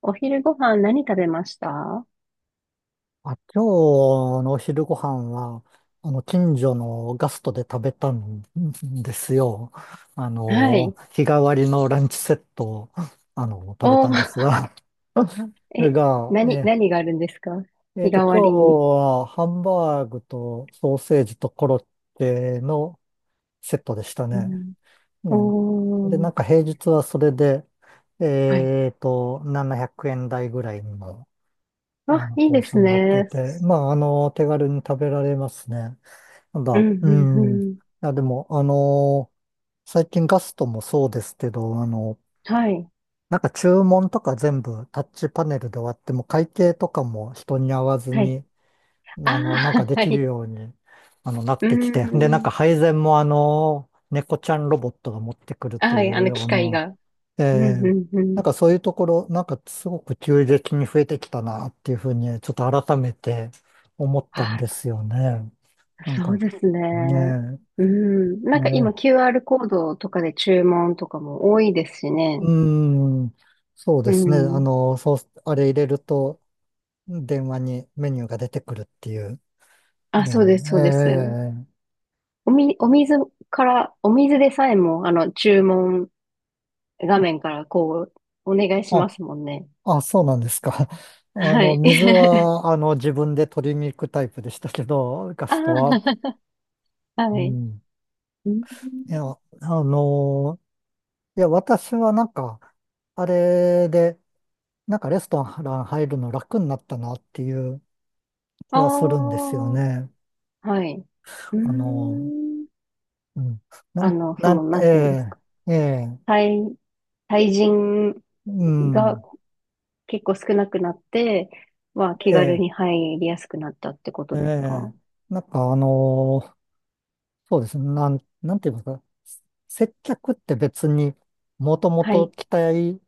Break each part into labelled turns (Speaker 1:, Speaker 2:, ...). Speaker 1: お昼ご飯何食べました？
Speaker 2: あ、今日のお昼ご飯は、近所のガストで食べたんですよ。
Speaker 1: はい。
Speaker 2: 日替わりのランチセットを、食べ
Speaker 1: お
Speaker 2: たんです
Speaker 1: ー、
Speaker 2: が、
Speaker 1: え、
Speaker 2: が、
Speaker 1: 何、
Speaker 2: え
Speaker 1: 何があるんですか？
Speaker 2: ー、えー
Speaker 1: 日
Speaker 2: と、
Speaker 1: 替
Speaker 2: 今日
Speaker 1: わり。
Speaker 2: はハンバーグとソーセージとコロッケのセットでした
Speaker 1: う
Speaker 2: ね。
Speaker 1: ん、
Speaker 2: ね。で、
Speaker 1: お
Speaker 2: な
Speaker 1: ー、
Speaker 2: んか平日はそれで、
Speaker 1: はい。
Speaker 2: 700円台ぐらいの、
Speaker 1: あ、いい
Speaker 2: コー
Speaker 1: で
Speaker 2: ス
Speaker 1: す
Speaker 2: になってい
Speaker 1: ね。
Speaker 2: て、まあ、手軽に食べられますね。なん
Speaker 1: う
Speaker 2: だ、
Speaker 1: ん、
Speaker 2: う
Speaker 1: うん、う
Speaker 2: ん。い
Speaker 1: ん。
Speaker 2: や、でも、最近ガストもそうですけど、
Speaker 1: はい、
Speaker 2: なんか注文とか全部タッチパネルで終わっても、会計とかも人に会わず
Speaker 1: はい。
Speaker 2: に、
Speaker 1: ああ、
Speaker 2: なん かで
Speaker 1: は
Speaker 2: きる
Speaker 1: い。
Speaker 2: ように、なっ
Speaker 1: うー
Speaker 2: てきて、で、なん
Speaker 1: ん。
Speaker 2: か配膳もあの猫ちゃんロボットが持ってくると
Speaker 1: は
Speaker 2: い
Speaker 1: い、
Speaker 2: うよ
Speaker 1: 機
Speaker 2: う
Speaker 1: 械
Speaker 2: な、
Speaker 1: が。うん、
Speaker 2: えー
Speaker 1: うん、う
Speaker 2: な
Speaker 1: ん。
Speaker 2: んかそういうところ、なんかすごく急激に増えてきたなっていうふうに、ちょっと改めて思ったん
Speaker 1: あ
Speaker 2: ですよね。な
Speaker 1: ー、
Speaker 2: ん
Speaker 1: そう
Speaker 2: か、
Speaker 1: です
Speaker 2: ね
Speaker 1: ね。
Speaker 2: え。
Speaker 1: うん。なんか今
Speaker 2: ええ、
Speaker 1: QR コードとかで注文とかも多いですしね。
Speaker 2: うーん、そう
Speaker 1: う
Speaker 2: ですね。あ
Speaker 1: ん。
Speaker 2: の、そう、あれ入れると、電話にメニューが出てくるっていう。い
Speaker 1: あ、そう
Speaker 2: や、
Speaker 1: です、そうです。
Speaker 2: ええ、
Speaker 1: お水から、お水でさえも、注文画面からこう、お願いしま
Speaker 2: あ、
Speaker 1: すもんね。
Speaker 2: あ、そうなんですか。あ
Speaker 1: は
Speaker 2: の、
Speaker 1: い。
Speaker 2: 水 は、自分で取りに行くタイプでしたけど、ガストは。
Speaker 1: ああ、
Speaker 2: う
Speaker 1: はい。
Speaker 2: ん。
Speaker 1: うん
Speaker 2: いや、あの、いや、私はなんか、あれで、なんかレストラン入るの楽になったなっていう気
Speaker 1: ああ、
Speaker 2: はするんですよね。
Speaker 1: はい。うー
Speaker 2: あの、
Speaker 1: ん。
Speaker 2: うん。なん、なん、
Speaker 1: な
Speaker 2: え
Speaker 1: んていうんですか？
Speaker 2: え、ええ、
Speaker 1: 対、対人
Speaker 2: う
Speaker 1: が
Speaker 2: ん、
Speaker 1: 結構少なくなって、気
Speaker 2: え
Speaker 1: 軽
Speaker 2: え、
Speaker 1: に入りやすくなったってこと
Speaker 2: え
Speaker 1: ですか？
Speaker 2: え、なんかあのーそうですね、なんて言いますか、接客って別にもとも
Speaker 1: は
Speaker 2: と
Speaker 1: い。
Speaker 2: 期待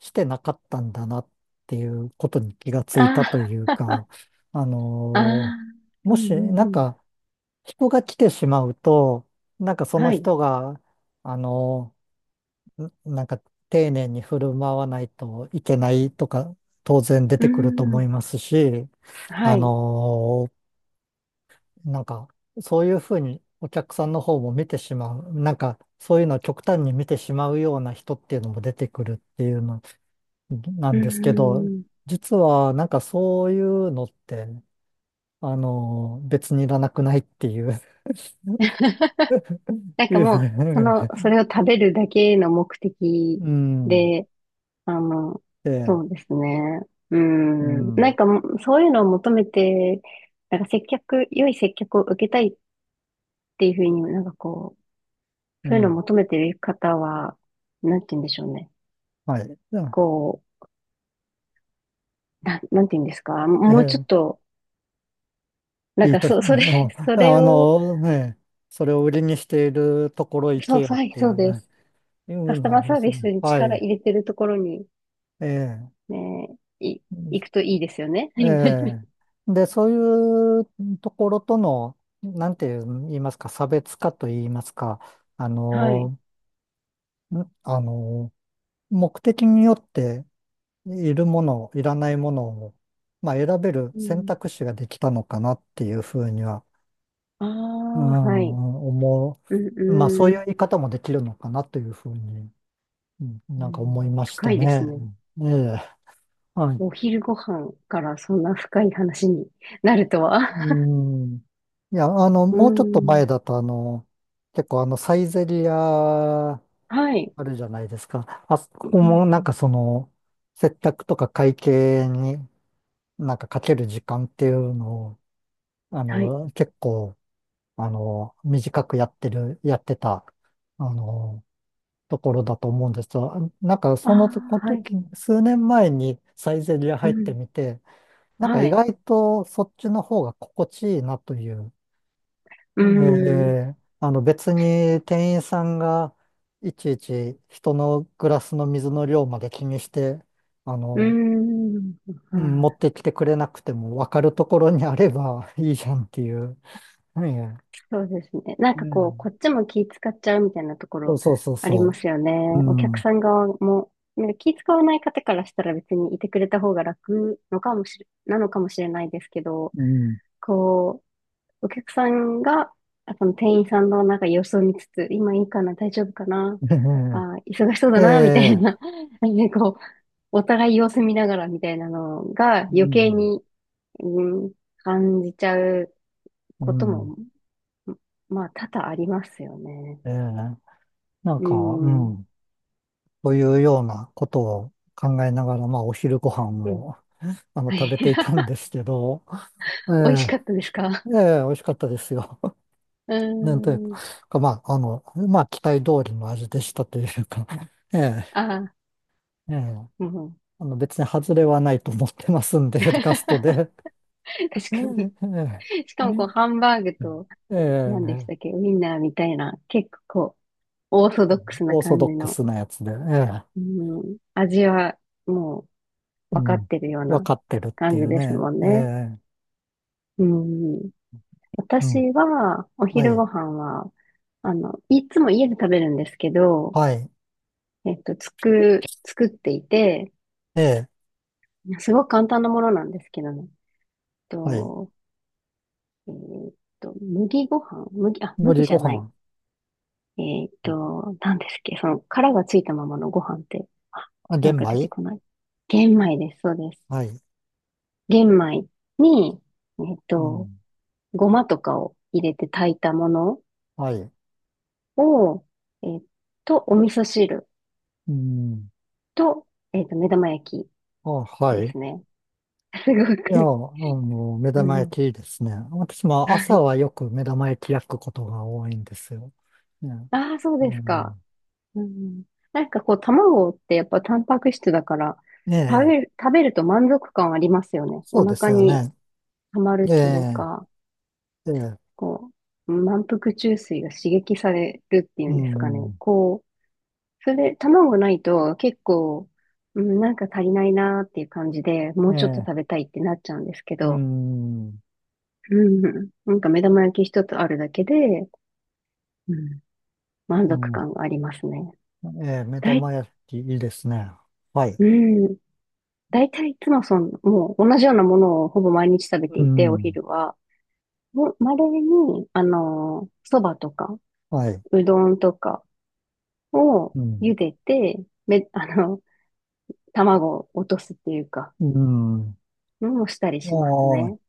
Speaker 2: してなかったんだなっていうことに気がついたと
Speaker 1: あ
Speaker 2: いうか、あ
Speaker 1: あ、あ
Speaker 2: の
Speaker 1: あ、う
Speaker 2: も
Speaker 1: んう
Speaker 2: し、な
Speaker 1: んう
Speaker 2: ん
Speaker 1: ん。
Speaker 2: か、人が来てしまうと、なんかその
Speaker 1: はい。
Speaker 2: 人が、あのーなんか丁寧に振る舞わないといけないとか当然出
Speaker 1: うー
Speaker 2: てくると思
Speaker 1: ん。
Speaker 2: いますし、あ
Speaker 1: はい。
Speaker 2: のーなんかそういうふうにお客さんの方も見てしまう、なんかそういうのを極端に見てしまうような人っていうのも出てくるっていうのな
Speaker 1: う
Speaker 2: んですけど、
Speaker 1: ーん。
Speaker 2: 実はなんかそういうのって、別にいらなくないっていう、
Speaker 1: な ん
Speaker 2: い
Speaker 1: か
Speaker 2: う、
Speaker 1: もう、それを食べるだけの目的
Speaker 2: うん、
Speaker 1: で、あの、
Speaker 2: で、
Speaker 1: そうですね。う
Speaker 2: う
Speaker 1: ん。なん
Speaker 2: ん、
Speaker 1: かもう、そういうのを求めて、なんか良い接客を受けたいっていうふうになんかこう、
Speaker 2: う
Speaker 1: そういうのを
Speaker 2: ん、
Speaker 1: 求めてる方は、なんて言うんでしょうね。
Speaker 2: はい。
Speaker 1: こう、なんて言うんですか？もうちょっ
Speaker 2: ええ、
Speaker 1: と、なん
Speaker 2: いい
Speaker 1: か
Speaker 2: と、あ
Speaker 1: それ
Speaker 2: の、
Speaker 1: それ
Speaker 2: あ
Speaker 1: を、
Speaker 2: のね、それを売りにしているところ行
Speaker 1: そ
Speaker 2: け
Speaker 1: う、
Speaker 2: よ
Speaker 1: は
Speaker 2: っ
Speaker 1: い、
Speaker 2: てい
Speaker 1: そうで
Speaker 2: う、
Speaker 1: す。
Speaker 2: いう
Speaker 1: カス
Speaker 2: の
Speaker 1: タ
Speaker 2: はあ
Speaker 1: マ
Speaker 2: り
Speaker 1: ー
Speaker 2: ま
Speaker 1: サー
Speaker 2: す
Speaker 1: ビ
Speaker 2: ね。
Speaker 1: スに
Speaker 2: は
Speaker 1: 力
Speaker 2: い。
Speaker 1: 入れてるところに、
Speaker 2: ええ。
Speaker 1: ねえ、行くといいですよね。
Speaker 2: ええ。で、そういうところとの、なんて言いますか、差別化と言いますか、あ
Speaker 1: はい。
Speaker 2: の、あの、目的によっているもの、いらないものを、まあ、選べる
Speaker 1: う
Speaker 2: 選
Speaker 1: ん、
Speaker 2: 択肢ができたのかなっていうふうには、
Speaker 1: あ
Speaker 2: う
Speaker 1: あ、はい。
Speaker 2: ん、思
Speaker 1: うん、
Speaker 2: う。まあ、そう
Speaker 1: う
Speaker 2: い
Speaker 1: ん、
Speaker 2: う言い方もできるのかなというふうに、うん、
Speaker 1: う
Speaker 2: なんか思い
Speaker 1: ん。
Speaker 2: まし
Speaker 1: 深
Speaker 2: た
Speaker 1: いです
Speaker 2: ね。
Speaker 1: ね。
Speaker 2: うん、ええ、はい。
Speaker 1: お昼ご飯からそんな深い話になるとは。
Speaker 2: うん。いや、
Speaker 1: う
Speaker 2: もうちょっと前
Speaker 1: ん。
Speaker 2: だと、あの、結構あの、サイゼリアあ
Speaker 1: はい。
Speaker 2: るじゃないですか。あそこ
Speaker 1: う
Speaker 2: も
Speaker 1: ん、
Speaker 2: な
Speaker 1: う
Speaker 2: ん
Speaker 1: ん。
Speaker 2: かその、接客とか会計になんかかける時間っていうのを、あ
Speaker 1: はい。
Speaker 2: の、結構、あの、短くやってる、やってた、あの、ところだと思うんですよ、なんか
Speaker 1: あ
Speaker 2: その
Speaker 1: あ、はい。
Speaker 2: 時、数年前にサイゼリヤ
Speaker 1: う
Speaker 2: 入って
Speaker 1: ん。
Speaker 2: みて、なんか
Speaker 1: は
Speaker 2: 意
Speaker 1: い。
Speaker 2: 外とそっちの方が心地いいなという、
Speaker 1: うん。
Speaker 2: あの別に店員さんがいちいち人のグラスの水の量まで気にして、あ
Speaker 1: う
Speaker 2: の、
Speaker 1: ん。
Speaker 2: うん、
Speaker 1: は
Speaker 2: 持っ
Speaker 1: い。
Speaker 2: てきてくれなくても分かるところにあれば いいじゃんっていう。うん、
Speaker 1: そうですね。なん
Speaker 2: う
Speaker 1: かこう、
Speaker 2: ん、
Speaker 1: こっちも気使っちゃうみたいなとこ
Speaker 2: そう
Speaker 1: ろ
Speaker 2: そうそう
Speaker 1: ありま
Speaker 2: そ
Speaker 1: すよね。
Speaker 2: う。う
Speaker 1: お客
Speaker 2: ん。
Speaker 1: さん側も、なんか気使わない方からしたら別にいてくれた方が楽のかもしれ、なのかもしれないですけど、
Speaker 2: うん。
Speaker 1: こう、お客さんが、その店員さんのなんか様子を見つつ、今いいかな、大丈夫かな、忙しそうだ
Speaker 2: え
Speaker 1: な、みたい
Speaker 2: え。
Speaker 1: な、なんでこう、お互い様子見ながらみたいなのが
Speaker 2: う
Speaker 1: 余計
Speaker 2: ん、
Speaker 1: に、うん、感じちゃうこ
Speaker 2: う
Speaker 1: と
Speaker 2: ん。
Speaker 1: もま多々ありますよね。
Speaker 2: ええ、なん
Speaker 1: う
Speaker 2: か、う
Speaker 1: ん。
Speaker 2: ん。というようなことを考えながら、まあ、お昼ご飯
Speaker 1: うん。
Speaker 2: を、
Speaker 1: は
Speaker 2: 食べ
Speaker 1: い。
Speaker 2: ていたんで すけど、え
Speaker 1: 美味し
Speaker 2: え、
Speaker 1: かったですか？
Speaker 2: ええ、美味しかったですよ。
Speaker 1: う
Speaker 2: なんという
Speaker 1: ーん。
Speaker 2: か、まあ、あの、まあ、期待通りの味でしたというか、ええ、
Speaker 1: ああ、
Speaker 2: ええ、
Speaker 1: うん。
Speaker 2: あの、別に外れはないと思ってますんで、ガスト
Speaker 1: 確
Speaker 2: で。え
Speaker 1: かに。
Speaker 2: え、
Speaker 1: しかも、こう、ハンバーグと、
Speaker 2: え
Speaker 1: 何でしたっ
Speaker 2: え、
Speaker 1: け、ウインナーみたいな、結構、オーソドックスな
Speaker 2: オーソ
Speaker 1: 感
Speaker 2: ド
Speaker 1: じ
Speaker 2: ック
Speaker 1: の、
Speaker 2: スなやつで、ええ、
Speaker 1: うん、味は、もう、
Speaker 2: う
Speaker 1: 分かっ
Speaker 2: ん、
Speaker 1: てるよう
Speaker 2: わ
Speaker 1: な
Speaker 2: かってるって
Speaker 1: 感
Speaker 2: い
Speaker 1: じ
Speaker 2: う
Speaker 1: です
Speaker 2: ね、
Speaker 1: もん
Speaker 2: え
Speaker 1: ね。
Speaker 2: え、
Speaker 1: うん。
Speaker 2: う
Speaker 1: 私
Speaker 2: ん。
Speaker 1: は、お
Speaker 2: は
Speaker 1: 昼
Speaker 2: い。
Speaker 1: ご飯は、いつも家で食べるんですけど、
Speaker 2: はい。
Speaker 1: 作っていて、
Speaker 2: ええ。
Speaker 1: すごく簡単なものなんですけども、
Speaker 2: はい。
Speaker 1: と、えーっ麦ご飯麦、あ、
Speaker 2: 無
Speaker 1: 麦
Speaker 2: り
Speaker 1: じ
Speaker 2: ご
Speaker 1: ゃない。
Speaker 2: 飯。
Speaker 1: 何ですっけその、殻がついたままのご飯って、あ、
Speaker 2: あ、
Speaker 1: なん
Speaker 2: 玄
Speaker 1: か出て
Speaker 2: 米、
Speaker 1: こない。玄米です、そうです。
Speaker 2: はい。
Speaker 1: 玄米に、えーっ
Speaker 2: う
Speaker 1: と、
Speaker 2: ん。
Speaker 1: ごまとかを入れて炊いたもの
Speaker 2: はい。
Speaker 1: を、えーっお味噌汁
Speaker 2: うん。
Speaker 1: と、目玉焼
Speaker 2: あ、は
Speaker 1: きで
Speaker 2: い。
Speaker 1: すね。すご
Speaker 2: いや、
Speaker 1: く、
Speaker 2: 目
Speaker 1: あ
Speaker 2: 玉
Speaker 1: の、
Speaker 2: 焼きですね。私も
Speaker 1: は
Speaker 2: 朝
Speaker 1: い。
Speaker 2: はよく目玉焼き焼くことが多いんですよ。ね。
Speaker 1: ああ、そう
Speaker 2: う
Speaker 1: ですか。
Speaker 2: ん。
Speaker 1: うん。なんかこう、卵ってやっぱタンパク質だから、
Speaker 2: え
Speaker 1: 食べ
Speaker 2: え。
Speaker 1: る、食べると満足感ありますよね。
Speaker 2: そ
Speaker 1: お
Speaker 2: うです
Speaker 1: 腹
Speaker 2: よ
Speaker 1: に
Speaker 2: ね。
Speaker 1: 溜まる
Speaker 2: え
Speaker 1: という
Speaker 2: え。
Speaker 1: か、
Speaker 2: ええ。
Speaker 1: こう、満腹中枢が刺激されるっていう
Speaker 2: う
Speaker 1: んですかね。
Speaker 2: ん。
Speaker 1: こう、それで卵ないと結構、うん、なんか足りないなーっていう感じで、も
Speaker 2: え
Speaker 1: うちょっと
Speaker 2: え。
Speaker 1: 食べたいってなっちゃうんですけ
Speaker 2: う
Speaker 1: ど、
Speaker 2: ん。
Speaker 1: うん、なんか目玉焼き一つあるだけで、うん、満
Speaker 2: う
Speaker 1: 足
Speaker 2: ん。
Speaker 1: 感がありますね。
Speaker 2: ええ。目
Speaker 1: だい、
Speaker 2: 玉焼きいいですね。はい。
Speaker 1: うん、大体いつもその、もう同じようなものをほぼ毎日食べて
Speaker 2: う
Speaker 1: いて、お
Speaker 2: ん。
Speaker 1: 昼は。もうに、あの、そばとか、
Speaker 2: はい。
Speaker 1: うどんとかを
Speaker 2: うん。
Speaker 1: 茹でて、卵を落とすっていうか、
Speaker 2: うん。
Speaker 1: のをしたりします
Speaker 2: おー、
Speaker 1: ね。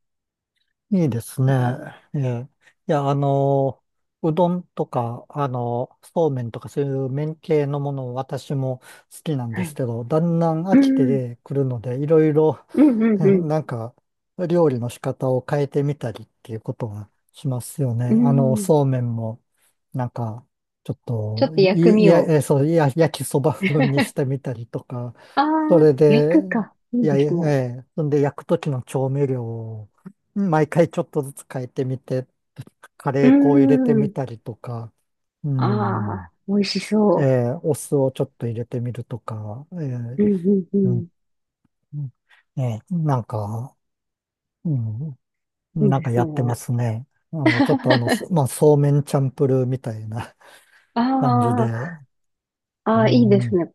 Speaker 2: いいですね。
Speaker 1: うん。
Speaker 2: ええ、いや、うどんとか、あの、そうめんとかそういう麺系のもの、私も好きなん
Speaker 1: は
Speaker 2: です
Speaker 1: い。
Speaker 2: けど、だんだん飽
Speaker 1: う
Speaker 2: き
Speaker 1: ん、
Speaker 2: てくるので、いろいろ、
Speaker 1: うん、うん、
Speaker 2: な
Speaker 1: うん。
Speaker 2: なんか、料理の仕方を変えてみたりっていうことはしますよ
Speaker 1: う
Speaker 2: ね。あの、
Speaker 1: ん。
Speaker 2: そうめんも、なんか、ちょっ
Speaker 1: ちょっ
Speaker 2: と、
Speaker 1: と薬
Speaker 2: い、い
Speaker 1: 味
Speaker 2: や、
Speaker 1: を。
Speaker 2: えそう、いや、焼きそば風にして みたりとか、
Speaker 1: あ
Speaker 2: そ
Speaker 1: あ、
Speaker 2: れ
Speaker 1: 焼
Speaker 2: で、
Speaker 1: くか。い
Speaker 2: い
Speaker 1: い
Speaker 2: や、
Speaker 1: で
Speaker 2: え
Speaker 1: すね。
Speaker 2: え、そんで焼くときの調味料を毎回ちょっとずつ変えてみて、カ
Speaker 1: う
Speaker 2: レ
Speaker 1: ー
Speaker 2: ー粉を入れてみ
Speaker 1: ん。
Speaker 2: たりとか、う
Speaker 1: あ
Speaker 2: ん、
Speaker 1: あ、美味し
Speaker 2: え
Speaker 1: そ
Speaker 2: え、お酢をちょっと入れてみるとか、ええ、
Speaker 1: う。うん、うん、う
Speaker 2: う
Speaker 1: ん。
Speaker 2: ん、ええ、なんか、うん、
Speaker 1: そう
Speaker 2: なん
Speaker 1: で
Speaker 2: か
Speaker 1: す
Speaker 2: や
Speaker 1: ね。
Speaker 2: ってますね。あの、ちょっとあの、す まあ、そうめんチャンプルーみたいな
Speaker 1: あ
Speaker 2: 感じで、
Speaker 1: ー
Speaker 2: う
Speaker 1: あー、いいです
Speaker 2: ん、
Speaker 1: ね。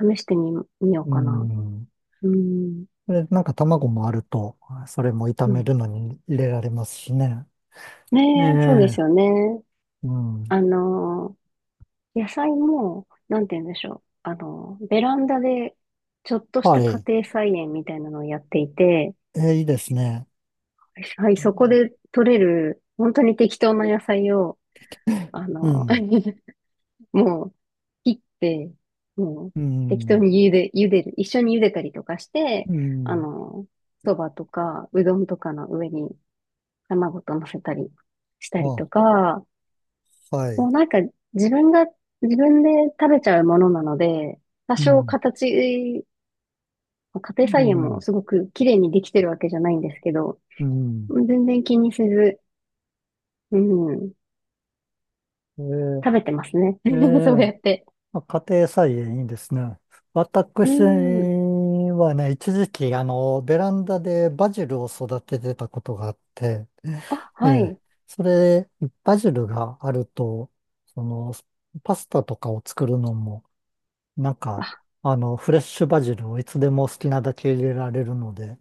Speaker 1: 試してみよう
Speaker 2: う
Speaker 1: かな。
Speaker 2: ん。
Speaker 1: うん。
Speaker 2: で、なんか卵もあると、それも炒
Speaker 1: う
Speaker 2: め
Speaker 1: ん。
Speaker 2: るのに入れられますしね。え
Speaker 1: ねえ、そうで
Speaker 2: え、
Speaker 1: すよね。
Speaker 2: うん。
Speaker 1: あの野菜も、なんて言うんでしょう。ベランダで、ちょっとし
Speaker 2: は
Speaker 1: た家
Speaker 2: い。
Speaker 1: 庭菜園みたいなのをやっていて、
Speaker 2: え、いいですね。
Speaker 1: はい、そこで取れる、本当に適当な野菜を、あ
Speaker 2: う
Speaker 1: の
Speaker 2: ん、
Speaker 1: ー、もう、切って、もう、
Speaker 2: う
Speaker 1: 適当
Speaker 2: ん、
Speaker 1: に茹でる。一緒に茹でたりとかして、
Speaker 2: う
Speaker 1: あ
Speaker 2: ん。
Speaker 1: の、そばとか、うどんとかの上に卵と乗せたりしたり
Speaker 2: あ、
Speaker 1: とか、
Speaker 2: はい。
Speaker 1: もうなんか自分が、自分で食べちゃうものなので、多
Speaker 2: う
Speaker 1: 少
Speaker 2: ん、
Speaker 1: 形、家
Speaker 2: う
Speaker 1: 庭菜園も
Speaker 2: ん、
Speaker 1: すごく綺麗にできてるわけじゃないんですけど、
Speaker 2: うん。
Speaker 1: 全然気にせず、うん、食
Speaker 2: え
Speaker 1: べてますね。
Speaker 2: え、え
Speaker 1: そうや
Speaker 2: え、
Speaker 1: って。
Speaker 2: まあ家庭菜園いいですね。
Speaker 1: う
Speaker 2: 私
Speaker 1: ん。
Speaker 2: はね、一時期、ベランダでバジルを育ててたことがあって、
Speaker 1: あ、
Speaker 2: え
Speaker 1: は
Speaker 2: え、
Speaker 1: い。
Speaker 2: それ、バジルがあると、その、パスタとかを作るのも、なんか、フレッシュバジルをいつでも好きなだけ入れられるので、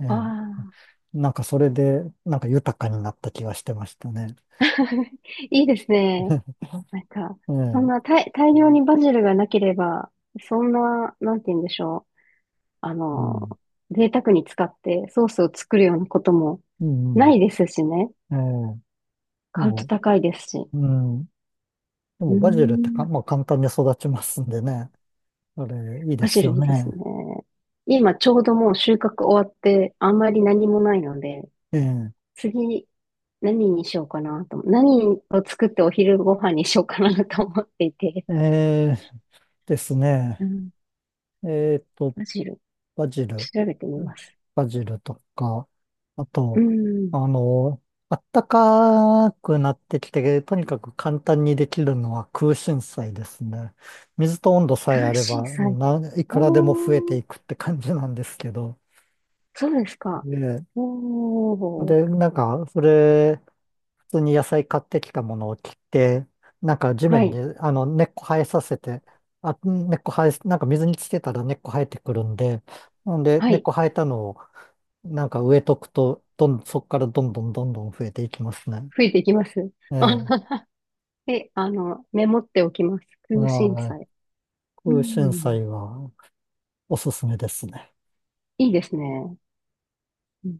Speaker 2: え
Speaker 1: あ
Speaker 2: え、
Speaker 1: あ。
Speaker 2: なんかそれで、なんか豊かになった気がしてましたね。
Speaker 1: いいですね。なん か、
Speaker 2: え
Speaker 1: そん
Speaker 2: え、
Speaker 1: な大量にバジルがなければ、そんな、なんて言うんでしょう。あ
Speaker 2: う
Speaker 1: の、
Speaker 2: ん、
Speaker 1: 贅沢に使ってソースを作るようなことも
Speaker 2: うん、う
Speaker 1: な
Speaker 2: ん、
Speaker 1: いですしね。
Speaker 2: ええ、
Speaker 1: 買うと
Speaker 2: も
Speaker 1: 高いですし。
Speaker 2: う、うん。で
Speaker 1: う
Speaker 2: も
Speaker 1: ー
Speaker 2: バジルってか、
Speaker 1: ん、
Speaker 2: まあ、簡単に育ちますんでね。あれ、いいで
Speaker 1: バジ
Speaker 2: す
Speaker 1: ル
Speaker 2: よ
Speaker 1: いいですね。
Speaker 2: ね。
Speaker 1: 今ちょうどもう収穫終わって、あんまり何もないので、
Speaker 2: ええ、
Speaker 1: 次、何にしようかなと思、何を作ってお昼ご飯にしようかなと思っていて、
Speaker 2: ええですね。
Speaker 1: うん、
Speaker 2: えっと、
Speaker 1: バジル、
Speaker 2: バジル、
Speaker 1: 調べてみます。
Speaker 2: バジルとか、あ
Speaker 1: う
Speaker 2: と、
Speaker 1: ん。
Speaker 2: あの、あったかくなってきて、とにかく簡単にできるのは空心菜ですね。水と温度さえあ
Speaker 1: 空
Speaker 2: れ
Speaker 1: 心
Speaker 2: ば、
Speaker 1: 菜。
Speaker 2: な、いくらでも増え
Speaker 1: お
Speaker 2: て
Speaker 1: ー、
Speaker 2: いくって感じなんですけど。
Speaker 1: そうですか。
Speaker 2: で、
Speaker 1: おー、
Speaker 2: で、なんか、それ、普通に野菜買ってきたものを切って、なんか地
Speaker 1: は
Speaker 2: 面に
Speaker 1: い、
Speaker 2: あの根っこ生えさせて、あ、根っこ生え、なんか水につけたら根っこ生えてくるんで、なんで
Speaker 1: は
Speaker 2: 根っ
Speaker 1: い。
Speaker 2: こ生えたのをなんか植えとくと、そこからどんどんどんどん増えていきますね。
Speaker 1: 増えていきます。
Speaker 2: ええ、
Speaker 1: えあの、メモっておきます。
Speaker 2: う
Speaker 1: 空心
Speaker 2: ん、
Speaker 1: 菜。う
Speaker 2: 空心
Speaker 1: ん。
Speaker 2: 菜はおすすめですね。
Speaker 1: いいですね。うん